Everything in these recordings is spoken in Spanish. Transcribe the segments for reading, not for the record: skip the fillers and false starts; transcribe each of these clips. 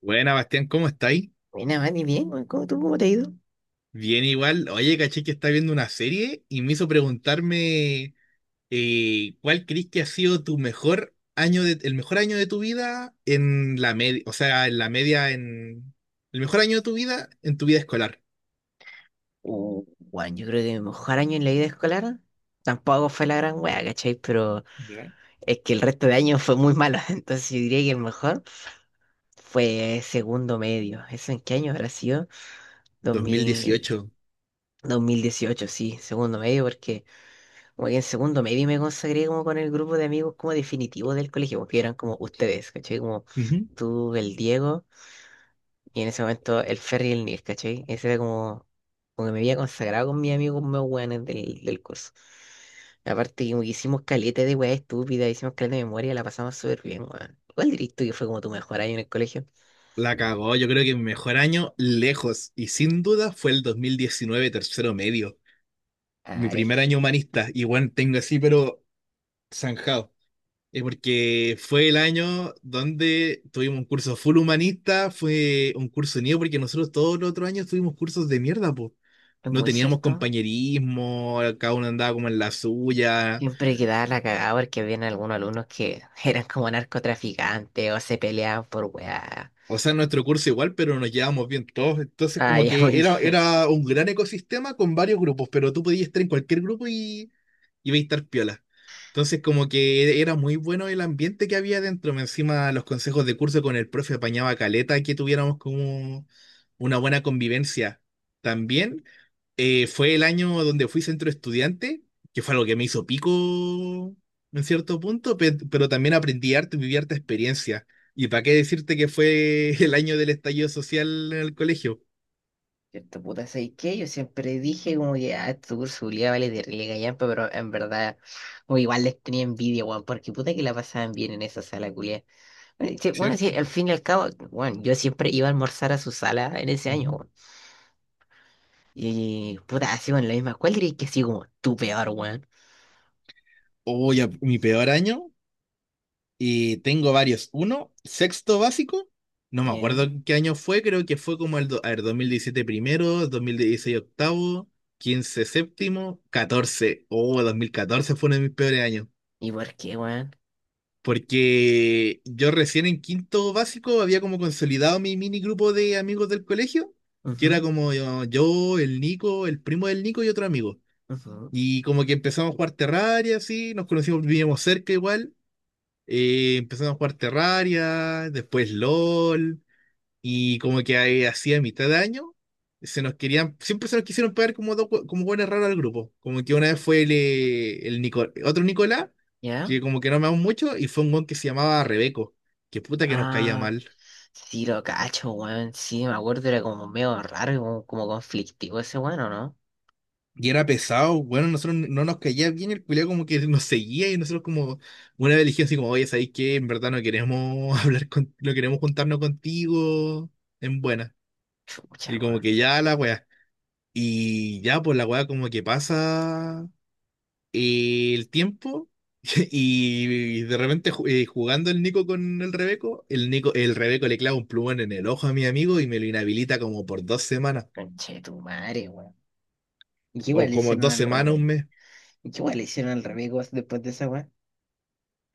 Buena, Bastián, ¿cómo estáis? Buena, Mati, bien, weón. ¿Cómo, tú, cómo te ha ido? Bien igual. Oye, caché que está viendo una serie y me hizo preguntarme ¿cuál crees que ha sido tu mejor año el mejor año de tu vida en la media? O sea, en la media en el mejor año de tu vida en tu vida escolar? Uh, Weón, yo creo que mi mejor año en la vida escolar tampoco fue la gran wea, ¿cachai? Pero ¿Ya? es que el resto de años fue muy malo, entonces yo diría que el mejor fue segundo medio. ¿Eso en qué año habrá sido? 2000, 2018. 2018, sí, segundo medio, porque como que en segundo medio me consagré como con el grupo de amigos como definitivo del colegio, porque eran como ustedes, ¿cachai? Como Ujú. tú, el Diego. Y en ese momento el ferry y el Nil, ¿cachai? Ese era como, como que me había consagrado con mis amigos más weones del curso. Aparte, como que hicimos caleta de weas estúpidas, hicimos caleta de memoria, la pasamos súper bien, weón. ¿Cuál dirías tú que fue como tu mejor año en el colegio? La cagó, yo creo que mi mejor año lejos y sin duda fue el 2019, tercero medio, mi Ah, primer eres- año humanista, y bueno, tengo así pero zanjado. Porque fue el año donde tuvimos un curso full humanista, fue un curso unido, porque nosotros todos los otros años tuvimos cursos de mierda, pues. Es No muy teníamos cierto. compañerismo, cada uno andaba como en la suya. Siempre quedaba la cagada porque habían algunos alumnos que eran como narcotraficantes o se peleaban por weá. O sea, en nuestro curso igual, pero nos llevábamos bien todos. Entonces, Ah, como ya muy bien. era un gran ecosistema con varios grupos, pero tú podías estar en cualquier grupo y veis estar piola. Entonces, como que era muy bueno el ambiente que había dentro. Más encima, los consejos de curso con el profe apañaba caleta que tuviéramos como una buena convivencia. También fue el año donde fui centro estudiante, que fue algo que me hizo pico en cierto punto, pero también aprendí arte y viví harta experiencia. ¿Y para qué decirte que fue el año del estallido social en el colegio? Cierto, puta, ¿sabes qué? Yo siempre dije como que, ah, estos cursos culiados vale de relega gallampa, pero en verdad, o igual les tenía envidia, weón, porque puta que la pasaban bien en esa sala culiada. Bueno, sí, bueno, sí, ¿Cierto? al fin y al cabo, bueno, yo siempre iba a almorzar a su sala en ese año, Ujú. weón. Y, puta, así, bueno, la misma, ¿cuál dirías que así como tu peor, weón? Oh, ya, mi peor año, y tengo varios. Uno, sexto básico, no me acuerdo ¿Ya? en qué año fue, creo que fue como el a ver, 2017 primero, 2016 octavo, 15 séptimo, catorce. Oh, 2014 fue uno de mis peores años. ¿Y por qué, weón? Porque yo recién en quinto básico había como consolidado mi mini grupo de amigos del colegio, que Ujú, era como yo, el Nico, el primo del Nico y otro amigo. ujú. Y como que empezamos a jugar Terraria, así, nos conocimos, vivíamos cerca igual. Empezamos a jugar Terraria, después LOL, y como que ahí, así a mitad de año, siempre se nos quisieron pagar como dos, como buenas raras al grupo. Como que una vez fue otro Nicolás, ¿Ya? que como que no amamos mucho, y fue un weón que se llamaba Rebeco, que puta que nos caía Ah, mal. sí lo cacho, weón, sí, me acuerdo, era como medio raro, y como, como conflictivo ese weón, ¿o no? Y era pesado, bueno, nosotros no nos caía bien, el culiao como que nos seguía y nosotros como una vez le dijimos así como, oye, ¿sabéis qué? En verdad no queremos no queremos juntarnos contigo en buena. Chucha, Y como que weón. ya la weá. Y ya, pues la weá como que pasa el tiempo y, de repente jugando el Nico con el Rebeco, el Rebeco le clava un plumón en el ojo a mi amigo y me lo inhabilita como por dos semanas, Conche tu madre, weón. ¿Y qué igual o le como hicieron dos al semanas, un revés? mes. ¿Y qué igual le hicieron al revés, weón, después de esa weón?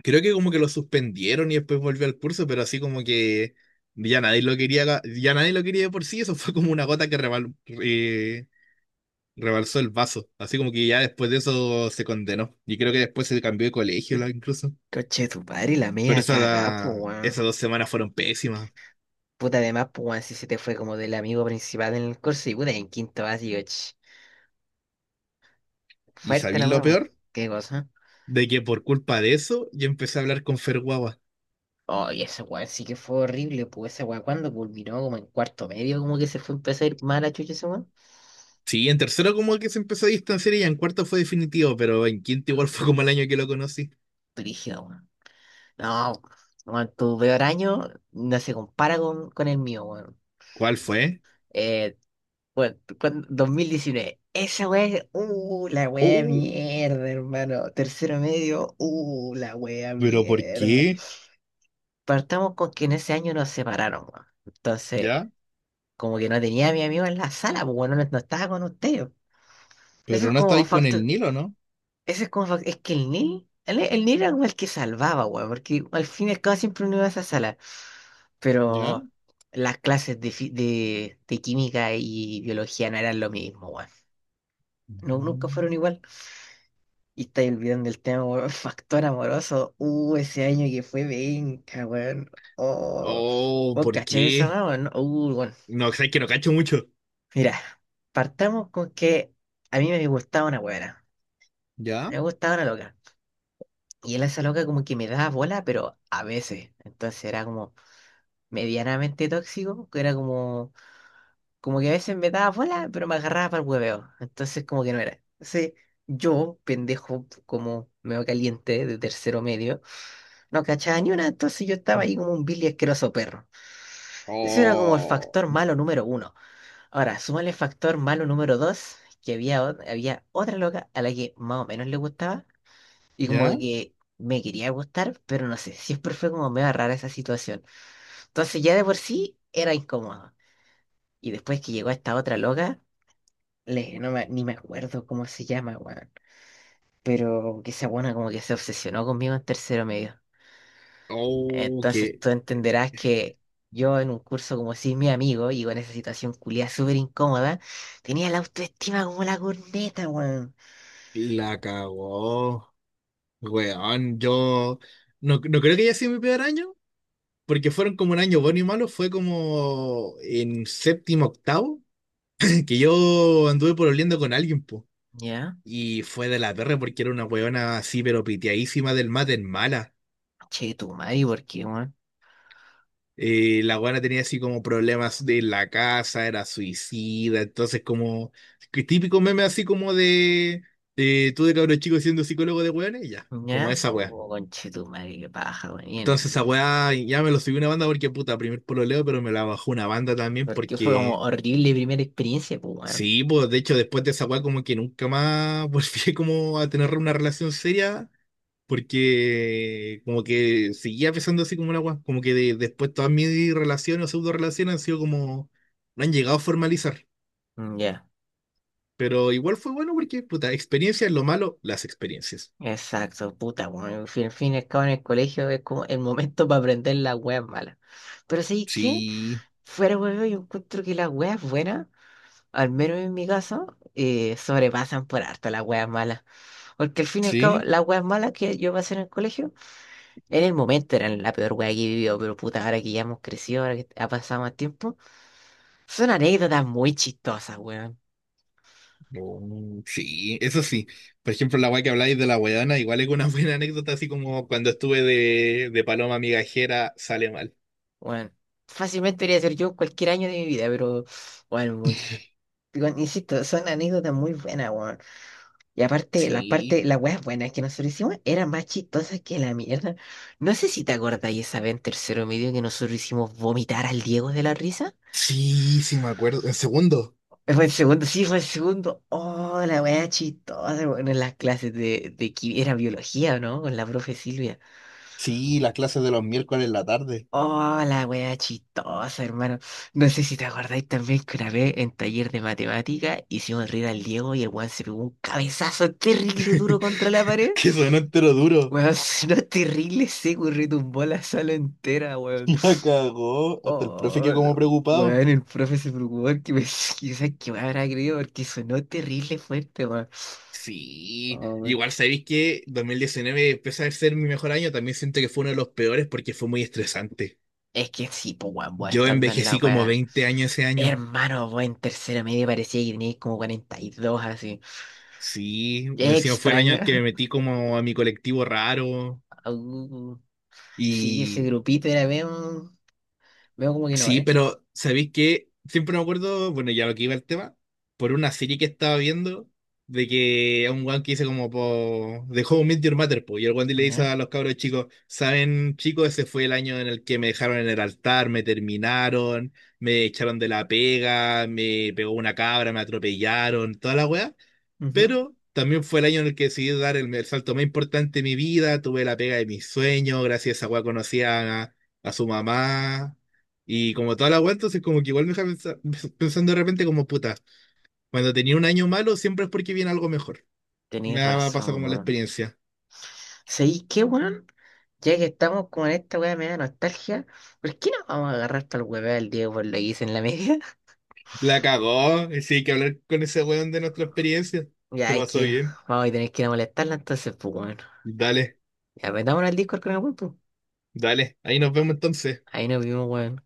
Creo que como que lo suspendieron y después volvió al curso, pero así como que ya nadie lo quería, de por sí. Eso fue como una gota que rebalsó el vaso. Así como que ya después de eso se condenó. Y creo que después se cambió de colegio incluso. Conche tu madre, la Pero media cagá, po, weón. esas dos semanas fueron pésimas. Puta, además, po, weón, si se te fue como del amigo principal en el curso y puta, en quinto básico, ch. ¿Y Fuerte sabéis la lo weón. peor? ¿Qué cosa? De que por culpa de eso yo empecé a hablar con Ferguaba. Oh, y esa weón sí que fue horrible, pues esa weón cuando culminó como en cuarto medio, como que se fue empezó a ir mal a chucha esa weón. Sí, en tercero como que se empezó a distanciar y ya en cuarto fue definitivo, pero en quinto igual fue como el año que lo conocí. Brígida, weón. No, weón, tu peor año no se compara con el mío, weón. ¿Cuál fue? Eh, Bueno, dos mil diecinueve. Esa wea, la wea Oh, mierda, hermano. Tercero medio, la wea ¿pero por mierda. qué? Partamos con que en ese año nos separaron, weón. Entonces, ¿Ya? como que no tenía a mi amigo en la sala, pues bueno, no, no estaba con ustedes. Eso es Pero no como estáis con el factor. Nilo, ¿no? Eso es como fac- Es que el Nil, el Nil era como el que salvaba, weón, porque al fin y al cabo siempre uno iba a esa sala. ¿Ya? Pero las clases de química y biología no eran lo mismo, weón. No, nunca Mm. fueron igual. Y estáis olvidando el tema, weón, factor amoroso. Ese año que fue venga, weón. Oh, Oh, vos ¿por cachai esa qué? weá, weón. Bueno. No, sabes que no cacho mucho. Mira, partamos con que a mí me gustaba una weona. ¿Ya? Me gustaba una loca. Y él, a esa loca, como que me daba bola, pero a veces. Entonces era como, medianamente tóxico, que era como, como que a veces me daba bola, pero me agarraba para el hueveo. Entonces, como que no era. Entonces, yo, pendejo, como medio caliente de tercero medio, no cachaba ni una, entonces yo estaba ahí como un vil y asqueroso perro. Eso era como el Oh, factor malo número uno. Ahora, súmale el factor malo número dos, que había otra loca a la que más o menos le gustaba, y como ¿ya? que me quería gustar, pero no sé, siempre fue como medio rara esa situación. Entonces, ya de por sí era incómodo. Y después que llegó esta otra loca, le, no me- ni me acuerdo cómo se llama, weón. Pero que esa buena como que se obsesionó conmigo en tercero medio. Oh, Entonces que tú entenderás que yo en un curso como si mi amigo, y en esa situación culiada súper incómoda, tenía la autoestima como la corneta, weón. la cagó. Weón, yo no creo que haya sido mi peor año, porque fueron como un año bueno y malo, fue como en séptimo, octavo, que yo anduve pololeando con alguien, po. ¿Ya? Y fue de la perra porque era una weona así, pero piteadísima del mate en mala. Che, tu madre, ¿por qué, weón? La weona tenía así como problemas de la casa, era suicida, entonces como que típico meme así como de tú de cabro chico siendo psicólogo de weones, ya, como ¿Ya? esa. Oh, conche tu madre, qué paja, weón. Bien. Entonces esa weá ya me lo subió una banda porque puta, primer pololeo, pero me la bajó una banda también Porque fue como porque horrible primera experiencia, pues, weón. sí, pues de hecho después de esa weá como que nunca más volví como a tener una relación seria porque como que seguía pensando así como una weá, como que después todas mis relaciones o pseudo relaciones han sido como, no han llegado a formalizar, Ya. pero igual fue bueno porque puta, experiencias, lo malo, las experiencias. Exacto, puta, bueno, al fin y al cabo en el colegio es como el momento para aprender las weas malas. Pero ¿sabes qué? Sí, Fuera huevo, yo encuentro que las weas buenas, al menos en mi caso, sobrepasan por harto las weas malas. Porque al fin y al cabo, sí, las weas malas que yo pasé en el colegio, en el momento eran la peor wea que he vivido, pero puta, ahora que ya hemos crecido, ahora que ha pasado más tiempo, son anécdotas muy chistosas, weón. Mm. Sí, eso sí. Por ejemplo, la weá que habláis de la weona, igual es una buena anécdota, así como cuando estuve de paloma migajera, sale mal. Weón, fácilmente podría ser yo en cualquier año de mi vida, pero bueno. Igual, insisto, son anécdotas muy buenas, weón. Y aparte, Sí, las weas buenas que nosotros hicimos eran más chistosas que la mierda. No sé si te acordáis esa vez en tercero medio que nosotros hicimos vomitar al Diego de la risa. Sí, me acuerdo. En segundo. Fue el segundo, sí, fue el segundo. Oh, la wea chistosa, weón, en las clases de era biología, ¿o no? Con la profe Silvia. Sí, las clases de los miércoles en la tarde. Oh, la wea chistosa, hermano. No sé si te acordáis también que una vez en taller de matemática hicimos reír al Diego y el weón se pegó un cabezazo terrible duro contra la pared. Que sonó entero duro. Weón, si no es terrible seco y retumbó la sala entera, weón. La cagó. Hasta el profe Oh, quedó como no. preocupado. Weón, el profe se preocupó que me quizás que me habrá creído porque sonó terrible fuerte, weón. Sí, Oh, weón. igual sabéis que 2019 pese a ser mi mejor año, también siento que fue uno de los peores porque fue muy estresante. Es que sí, pues weón, vos Yo estando en la envejecí como weá. 20 años ese año. Hermano, vos en tercera media parecía que tenías como 42 así. Sí, Es encima fue el año extraño. en que me metí como a mi colectivo raro. Uh, sí, ese Y grupito era medio, medio como que no, sí, ¿eh? pero ¿sabéis qué? Siempre me acuerdo, bueno, ya lo que iba el tema, por una serie que estaba viendo, de que a un guan que dice como, po, de How I Met Your Mother, po, y el guan le dice Ya. a los cabros chicos, ¿saben, chicos? Ese fue el año en el que me dejaron en el altar, me terminaron, me echaron de la pega, me pegó una cabra, me atropellaron, toda la wea. Ujú. Pero también fue el año en el que decidí dar el salto más importante de mi vida. Tuve la pega de mis sueños. Gracias a esa weá conocí a su mamá. Y como toda la weá, entonces como que igual me deja pensando de repente como puta. Cuando tenía un año malo, siempre es porque viene algo mejor. Tenéis Me ha pasado razón, como la weón. experiencia. ¿Sabéis qué, weón? Ya que estamos con esta weá me nostalgia, ¿por qué no vamos a agarrar para el hueveo del Diego por lo que hice en la media? La cagó. Sí, hay que hablar con ese weón de nuestra experiencia. Se Ya es pasó que bien. vamos a tener que ir a molestarla entonces, pues bueno. Dale, Ya metámonos al Discord con el weón, pues. dale. Ahí nos vemos entonces. Ahí nos vimos, weón.